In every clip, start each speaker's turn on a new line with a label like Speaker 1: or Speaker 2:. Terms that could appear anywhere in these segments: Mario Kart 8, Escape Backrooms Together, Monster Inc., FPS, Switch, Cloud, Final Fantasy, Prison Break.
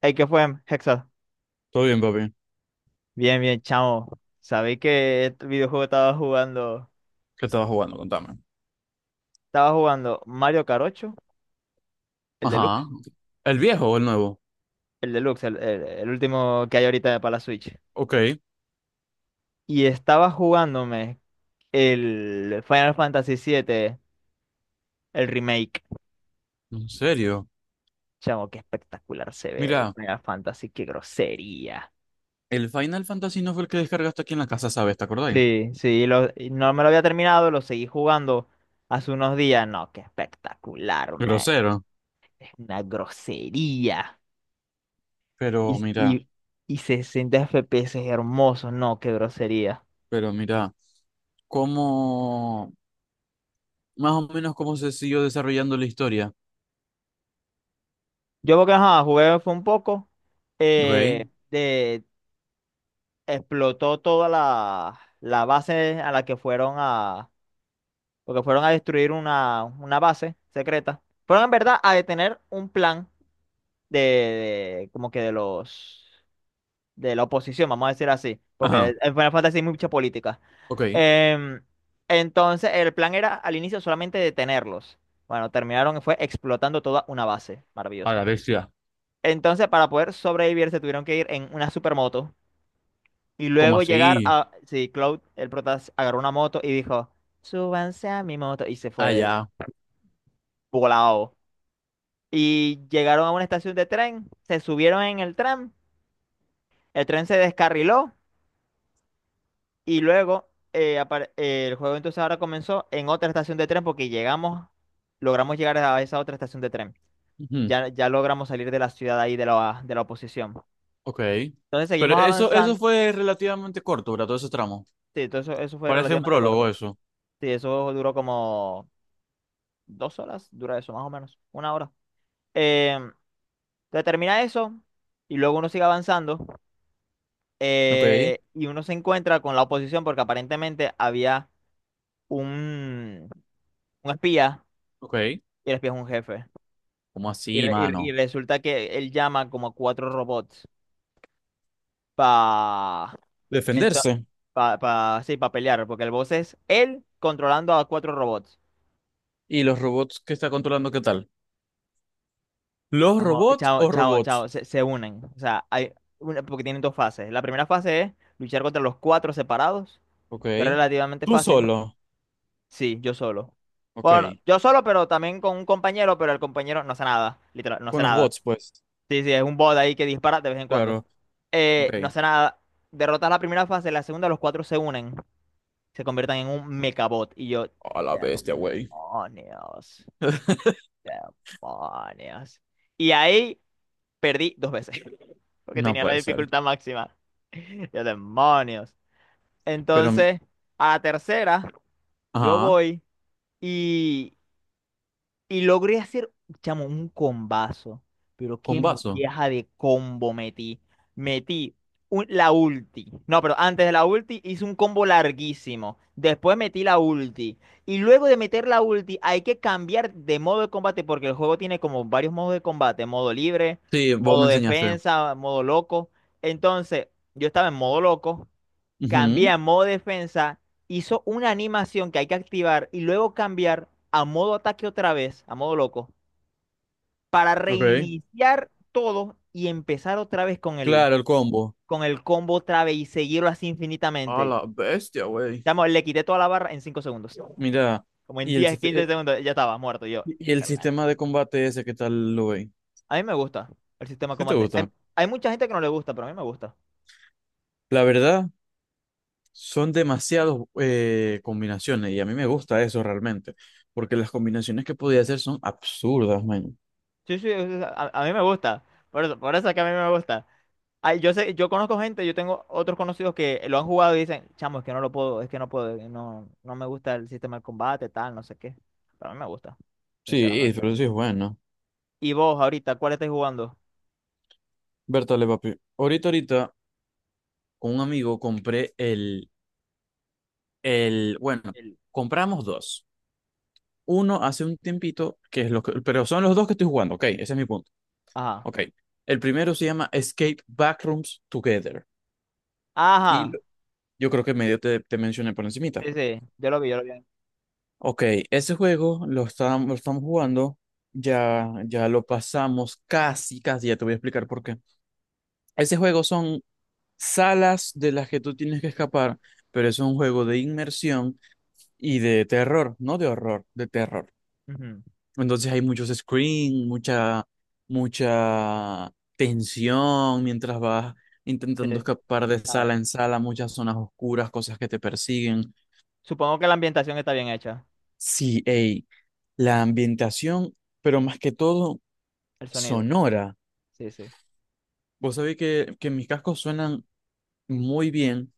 Speaker 1: Hey, ¿qué fue, Hexa?
Speaker 2: Todo bien, papi.
Speaker 1: Bien, bien, chamo. Sabéis que este videojuego estaba jugando.
Speaker 2: ¿Qué estabas jugando? Contame.
Speaker 1: Estaba jugando Mario Kart 8, el
Speaker 2: Ajá.
Speaker 1: deluxe.
Speaker 2: ¿El viejo o el nuevo?
Speaker 1: El deluxe, el último que hay ahorita para la Switch.
Speaker 2: Ok. ¿En
Speaker 1: Y estaba jugándome el Final Fantasy 7, el remake.
Speaker 2: serio?
Speaker 1: Chamo, qué espectacular se ve el
Speaker 2: Mira,
Speaker 1: Final Fantasy, qué grosería.
Speaker 2: el Final Fantasy no fue el que descargaste aquí en la casa, ¿sabes? ¿Te acordáis?
Speaker 1: Sí, sí, y no me lo había terminado, lo seguí jugando hace unos días. No, qué espectacular, me.
Speaker 2: Grosero.
Speaker 1: Es una grosería.
Speaker 2: Pero
Speaker 1: Y,
Speaker 2: mira,
Speaker 1: y, y 60 FPS es hermoso, no, qué grosería.
Speaker 2: pero mira, cómo, más o menos cómo se siguió desarrollando la historia.
Speaker 1: Yo porque ajá, jugué fue un poco,
Speaker 2: Ok.
Speaker 1: de, explotó toda la base a la que fueron a, porque fueron a destruir una base secreta. Fueron en verdad a detener un plan de, como que de la oposición, vamos a decir así, porque
Speaker 2: Ajá.
Speaker 1: en Final Fantasy hay mucha política.
Speaker 2: Ok.
Speaker 1: Em, entonces, el plan era al inicio solamente detenerlos. Bueno, terminaron, fue explotando toda una base.
Speaker 2: A
Speaker 1: Maravilloso.
Speaker 2: la bestia.
Speaker 1: Entonces, para poder sobrevivir, se tuvieron que ir en una supermoto. Y
Speaker 2: ¿Cómo
Speaker 1: luego llegar
Speaker 2: así?
Speaker 1: a... Sí, Cloud, el prota, agarró una moto y dijo, súbanse a mi moto. Y se fue
Speaker 2: Allá.
Speaker 1: volado. Y llegaron a una estación de tren, se subieron en el tren se descarriló. Y luego el juego entonces ahora comenzó en otra estación de tren porque logramos llegar a esa otra estación de tren.
Speaker 2: Ujú.
Speaker 1: Ya, ya logramos salir de la ciudad ahí de la oposición.
Speaker 2: Ok.
Speaker 1: Entonces
Speaker 2: Pero
Speaker 1: seguimos
Speaker 2: eso
Speaker 1: avanzando.
Speaker 2: fue relativamente corto, ¿verdad? Todo ese tramo.
Speaker 1: Sí, todo eso fue
Speaker 2: Parece un
Speaker 1: relativamente
Speaker 2: prólogo
Speaker 1: corto.
Speaker 2: eso.
Speaker 1: Sí, eso duró como 2 horas, dura eso más o menos, una hora. Eh, entonces termina eso y luego uno sigue avanzando
Speaker 2: Ok.
Speaker 1: y uno se encuentra con la oposición porque aparentemente había un, un espía
Speaker 2: Ok.
Speaker 1: y el espía es un jefe.
Speaker 2: ¿Cómo
Speaker 1: Y,
Speaker 2: así,
Speaker 1: re- y re- y
Speaker 2: mano?
Speaker 1: resulta que él llama como a cuatro robots para
Speaker 2: Defenderse.
Speaker 1: sí, pa pelear, porque el boss es él controlando a cuatro robots.
Speaker 2: ¿Y los robots que está controlando qué tal? ¿Los
Speaker 1: Chamo,
Speaker 2: robots
Speaker 1: chao,
Speaker 2: o
Speaker 1: chao,
Speaker 2: robots?
Speaker 1: chao, se unen. O sea, hay porque tienen dos fases. La primera fase es luchar contra los cuatro separados,
Speaker 2: Ok.
Speaker 1: que es relativamente
Speaker 2: Tú
Speaker 1: fácil.
Speaker 2: solo.
Speaker 1: Sí, yo solo. Bueno,
Speaker 2: Ok.
Speaker 1: yo solo, pero también con un compañero, pero el compañero no hace nada, literal, no hace
Speaker 2: Con los
Speaker 1: nada.
Speaker 2: bots, pues.
Speaker 1: Sí, sí, es un bot ahí que dispara de vez en cuando.
Speaker 2: Claro. Ok.
Speaker 1: No hace nada. Derrotas la primera fase, la segunda los cuatro se unen, se convierten en un mecabot. Y yo,
Speaker 2: A la bestia, güey.
Speaker 1: demonios, demonios. Y ahí perdí dos veces, porque
Speaker 2: No
Speaker 1: tenía la
Speaker 2: puede ser.
Speaker 1: dificultad máxima. Yo, demonios.
Speaker 2: Pero,
Speaker 1: Entonces, a la tercera, yo
Speaker 2: ajá,
Speaker 1: voy. Y logré hacer, chamo, un combazo. Pero qué
Speaker 2: con vaso.
Speaker 1: molleja de combo metí. Metí la ulti. No, pero antes de la ulti hice un combo larguísimo. Después metí la ulti. Y luego de meter la ulti hay que cambiar de modo de combate porque el juego tiene como varios modos de combate. Modo libre,
Speaker 2: Sí, vos
Speaker 1: modo
Speaker 2: me enseñaste.
Speaker 1: defensa, modo loco. Entonces, yo estaba en modo loco, cambié
Speaker 2: Ujú,
Speaker 1: a modo defensa, hizo una animación que hay que activar y luego cambiar a modo ataque otra vez, a modo loco, para
Speaker 2: Ok.
Speaker 1: reiniciar todo y empezar otra vez con el,
Speaker 2: Claro, el combo.
Speaker 1: con el combo otra vez y seguirlo así
Speaker 2: A
Speaker 1: infinitamente.
Speaker 2: la bestia, güey.
Speaker 1: Chamo, le quité toda la barra en 5 segundos.
Speaker 2: Mira,
Speaker 1: Como en
Speaker 2: y el,
Speaker 1: 10
Speaker 2: siste-
Speaker 1: 15
Speaker 2: eh,
Speaker 1: segundos, ya estaba muerto. Yo,
Speaker 2: y el
Speaker 1: excelente.
Speaker 2: sistema de combate ese, ¿qué tal lo veis?
Speaker 1: A mí me gusta el sistema de
Speaker 2: ¿Sí te
Speaker 1: combate. Hay,
Speaker 2: gusta?
Speaker 1: hay mucha gente que no le gusta, pero a mí me gusta.
Speaker 2: La verdad, son demasiadas combinaciones y a mí me gusta eso realmente, porque las combinaciones que podía hacer son absurdas, man.
Speaker 1: Sí, sí, a mí me gusta. Por eso es que a mí me gusta. Ay, yo sé, yo conozco gente, yo tengo otros conocidos que lo han jugado y dicen, chamo, es que no lo puedo, es que no puedo, no, no me gusta el sistema de combate, tal, no sé qué. Pero a mí me gusta,
Speaker 2: Sí,
Speaker 1: sinceramente.
Speaker 2: pero sí es bueno.
Speaker 1: Y vos, ahorita, ¿cuál estáis jugando?
Speaker 2: Bertale, papi. Ahorita, con un amigo compré bueno,
Speaker 1: El-
Speaker 2: compramos dos. Uno hace un tiempito, que es lo que, pero son los dos que estoy jugando, ok, ese es mi punto,
Speaker 1: Ajá.
Speaker 2: ok. El primero se llama Escape Backrooms Together y
Speaker 1: Ajá.
Speaker 2: yo creo que medio te mencioné por encima.
Speaker 1: Sí, sí, yo lo vi, yo lo vi.
Speaker 2: Ok, ese juego lo estábamos, lo estamos jugando, ya lo pasamos casi, casi, ya te voy a explicar por qué. Ese juego son salas de las que tú tienes que escapar, pero es un juego de inmersión y de terror, no de horror, de terror.
Speaker 1: Ujú,
Speaker 2: Entonces hay muchos screams, mucha, mucha tensión mientras vas intentando
Speaker 1: sí.
Speaker 2: escapar de
Speaker 1: Ah,
Speaker 2: sala en sala, muchas zonas oscuras, cosas que te persiguen.
Speaker 1: supongo que la ambientación está bien hecha,
Speaker 2: Sí, ey, la ambientación, pero más que todo
Speaker 1: el sonido.
Speaker 2: Sonora.
Speaker 1: Sí, sí.
Speaker 2: Vos sabéis que mis cascos suenan muy bien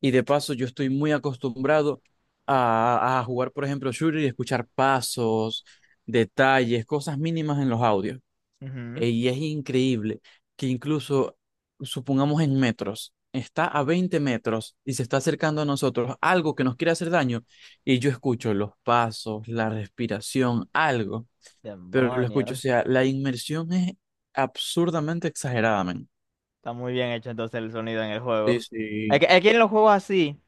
Speaker 2: y de paso yo estoy muy acostumbrado a jugar, por ejemplo, shooter y escuchar pasos, detalles, cosas mínimas en los audios.
Speaker 1: Ujú.
Speaker 2: Y es increíble que incluso, supongamos en metros, está a 20 metros y se está acercando a nosotros algo que nos quiere hacer daño y yo escucho los pasos, la respiración, algo, pero lo escucho, o
Speaker 1: Demonios.
Speaker 2: sea, la inmersión es absurdamente exagerada, men.
Speaker 1: Está muy bien hecho entonces el sonido en el
Speaker 2: Sí,
Speaker 1: juego. Es que,
Speaker 2: sí,
Speaker 1: es que en los juegos así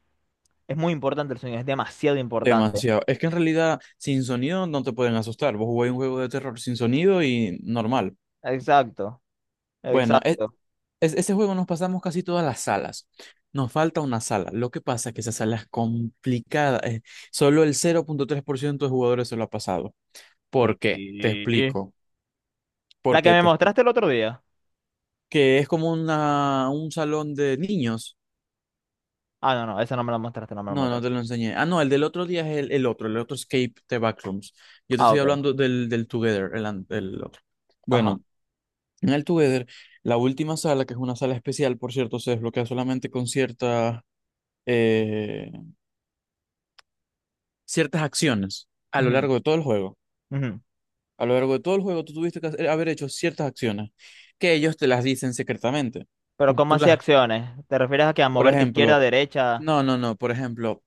Speaker 1: es muy importante el sonido, es demasiado importante.
Speaker 2: demasiado. Es que en realidad sin sonido no te pueden asustar. Vos jugáis un juego de terror sin sonido y normal.
Speaker 1: Exacto.
Speaker 2: Bueno,
Speaker 1: Exacto.
Speaker 2: ese juego nos pasamos casi todas las salas. Nos falta una sala. Lo que pasa es que esa sala es complicada. Solo el 0,3% de jugadores se lo ha pasado.
Speaker 1: ¿Qué?
Speaker 2: ¿Por qué? Te explico.
Speaker 1: La que
Speaker 2: Porque
Speaker 1: me mostraste el otro día.
Speaker 2: que es como una, un salón de niños.
Speaker 1: Ah, no, no, esa no me la mostraste, no me la
Speaker 2: No, no
Speaker 1: mostraste.
Speaker 2: te lo enseñé. Ah, no, el del otro día es el otro Escape the Backrooms. Yo te
Speaker 1: Ah,
Speaker 2: estoy
Speaker 1: ok.
Speaker 2: hablando del Together, el otro.
Speaker 1: Ajá.
Speaker 2: Bueno, en el Together, la última sala, que es una sala especial, por cierto, se desbloquea solamente con eh, ciertas acciones a lo
Speaker 1: Ujú,
Speaker 2: largo de todo el juego.
Speaker 1: ujú.
Speaker 2: A lo largo de todo el juego, tú tuviste que haber hecho ciertas acciones que ellos te las dicen secretamente.
Speaker 1: Pero
Speaker 2: Tú,
Speaker 1: ¿cómo
Speaker 2: tú
Speaker 1: así
Speaker 2: las,
Speaker 1: acciones? ¿Te refieres a que a
Speaker 2: por
Speaker 1: moverte izquierda,
Speaker 2: ejemplo,
Speaker 1: derecha?
Speaker 2: no, no, no, por ejemplo,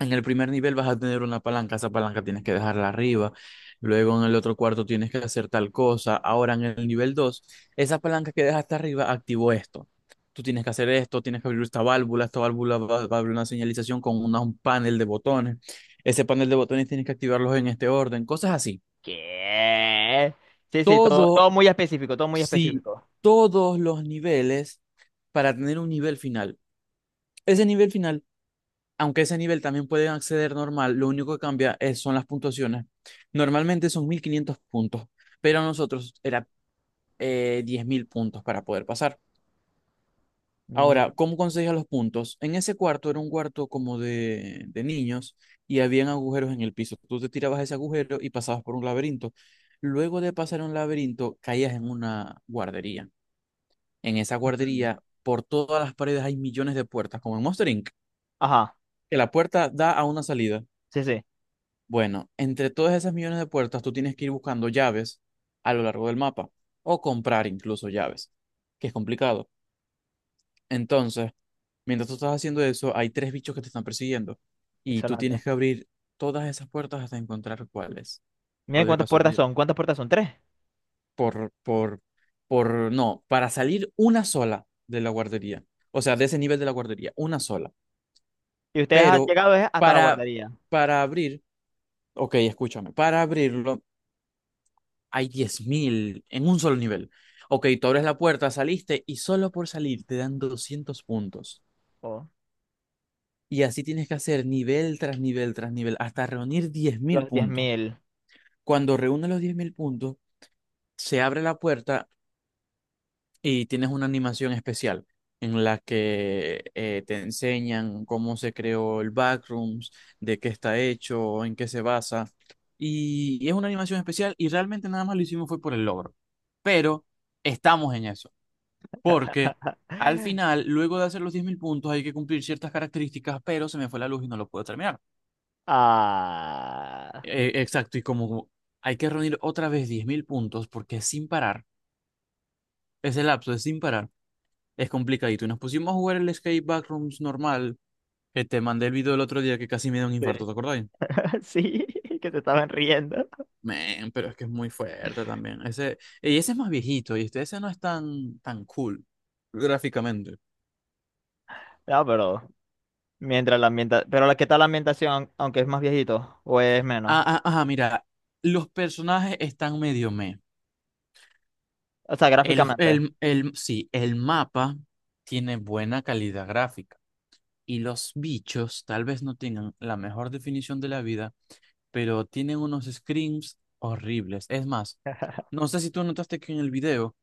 Speaker 2: en el primer nivel vas a tener una palanca, esa palanca tienes que dejarla arriba, luego en el otro cuarto tienes que hacer tal cosa, ahora en el nivel 2, esa palanca que dejaste arriba activó esto. Tú tienes que hacer esto, tienes que abrir esta válvula va a abrir una señalización con un panel de botones, ese panel de botones tienes que activarlos en este orden, cosas así.
Speaker 1: ¿Qué? Sí, sí, todo,
Speaker 2: Todo,
Speaker 1: todo muy específico, todo muy
Speaker 2: sí,
Speaker 1: específico.
Speaker 2: todos los niveles para tener un nivel final. Ese nivel final aunque ese nivel también pueden acceder normal, lo único que cambia es, son las puntuaciones. Normalmente son 1.500 puntos, pero a nosotros era 10.000 puntos para poder pasar.
Speaker 1: Mm,
Speaker 2: Ahora, ¿cómo conseguías los puntos? En ese cuarto era un cuarto como de niños y habían agujeros en el piso. Tú te tirabas a ese agujero y pasabas por un laberinto. Luego de pasar un laberinto, caías en una guardería. En esa
Speaker 1: ujú.
Speaker 2: guardería, por todas las paredes hay millones de puertas, como en Monster Inc.,
Speaker 1: Ajá.
Speaker 2: que la puerta da a una salida.
Speaker 1: Sí, sí.
Speaker 2: Bueno, entre todas esas millones de puertas, tú tienes que ir buscando llaves a lo largo del mapa o comprar incluso llaves, que es complicado. Entonces, mientras tú estás haciendo eso, hay tres bichos que te están persiguiendo y tú
Speaker 1: Excelente.
Speaker 2: tienes que abrir todas esas puertas hasta encontrar cuáles. O
Speaker 1: Miren
Speaker 2: de casualidad.
Speaker 1: cuántas puertas son, tres.
Speaker 2: Por, por, no, para salir una sola de la guardería. O sea, de ese nivel de la guardería, una sola.
Speaker 1: Y ustedes han
Speaker 2: Pero
Speaker 1: llegado hasta la
Speaker 2: para,
Speaker 1: guardería.
Speaker 2: para abrir, ok, escúchame, para abrirlo hay 10.000 en un solo nivel. Ok, tú abres la puerta, saliste y solo por salir te dan 200 puntos.
Speaker 1: Oh,
Speaker 2: Y así tienes que hacer nivel tras nivel tras nivel hasta reunir diez mil
Speaker 1: los diez
Speaker 2: puntos.
Speaker 1: mil.
Speaker 2: Cuando reúnes los 10.000 puntos, se abre la puerta y tienes una animación especial en la que te enseñan cómo se creó el Backrooms, de qué está hecho, en qué se basa. Y es una animación especial y realmente nada más lo hicimos fue por el logro. Pero estamos en eso. Porque al final, luego de hacer los 10.000 puntos, hay que cumplir ciertas características, pero se me fue la luz y no lo puedo terminar.
Speaker 1: Ah.
Speaker 2: Exacto, y como hay que reunir otra vez 10.000 puntos, porque es sin parar, ese lapso es sin parar, es complicadito. Y nos pusimos a jugar el Escape Backrooms normal, que te mandé el video el otro día que casi me da un
Speaker 1: Sí.
Speaker 2: infarto, ¿te acordáis?
Speaker 1: Sí, que se estaban riendo.
Speaker 2: Men, pero es que es muy fuerte también. Ese, y ese es más viejito, y este, ese no es tan, tan cool gráficamente.
Speaker 1: No, pero mientras la ambienta, pero ¿qué tal la ambientación, aunque es más viejito o es menos?
Speaker 2: Ah, ah, ah, mira, los personajes están medio meh.
Speaker 1: O sea, gráficamente.
Speaker 2: Sí, el mapa tiene buena calidad gráfica y los bichos tal vez no tengan la mejor definición de la vida, pero tienen unos screams horribles. Es más, no sé si tú notaste que en el video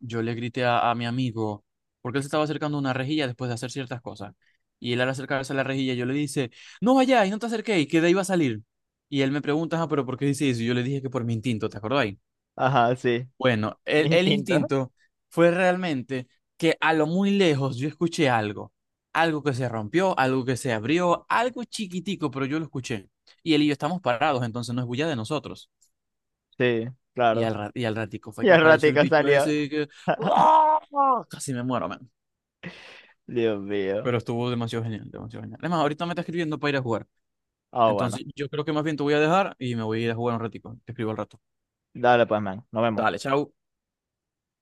Speaker 2: yo le grité a mi amigo porque él se estaba acercando a una rejilla después de hacer ciertas cosas. Y él al acercarse a la rejilla yo le dice, no vayáis, no te acerquéis, que de ahí va a salir. Y él me pregunta, ah, pero ¿por qué dice eso? Y yo le dije que por mi instinto, ¿te acordáis?
Speaker 1: Ajá, sí.
Speaker 2: Bueno,
Speaker 1: Mi
Speaker 2: el
Speaker 1: Distinto.
Speaker 2: instinto fue realmente que a lo muy lejos yo escuché algo, algo que se rompió, algo que se abrió, algo chiquitico, pero yo lo escuché. Y él y yo estamos parados, entonces no es bulla de nosotros.
Speaker 1: Sí, claro.
Speaker 2: Y al ratico fue
Speaker 1: Y
Speaker 2: que
Speaker 1: al
Speaker 2: apareció el
Speaker 1: ratico
Speaker 2: bicho
Speaker 1: salió.
Speaker 2: ese y que... ¡Ah! Casi me muero, man.
Speaker 1: Dios mío.
Speaker 2: Pero estuvo demasiado genial, demasiado genial. Además, ahorita me está escribiendo para ir a jugar.
Speaker 1: Ah, bueno.
Speaker 2: Entonces, yo creo que más bien te voy a dejar y me voy a ir a jugar un ratico. Te escribo al rato.
Speaker 1: Dale pues, man. Nos
Speaker 2: Dale,
Speaker 1: vemos.
Speaker 2: chao.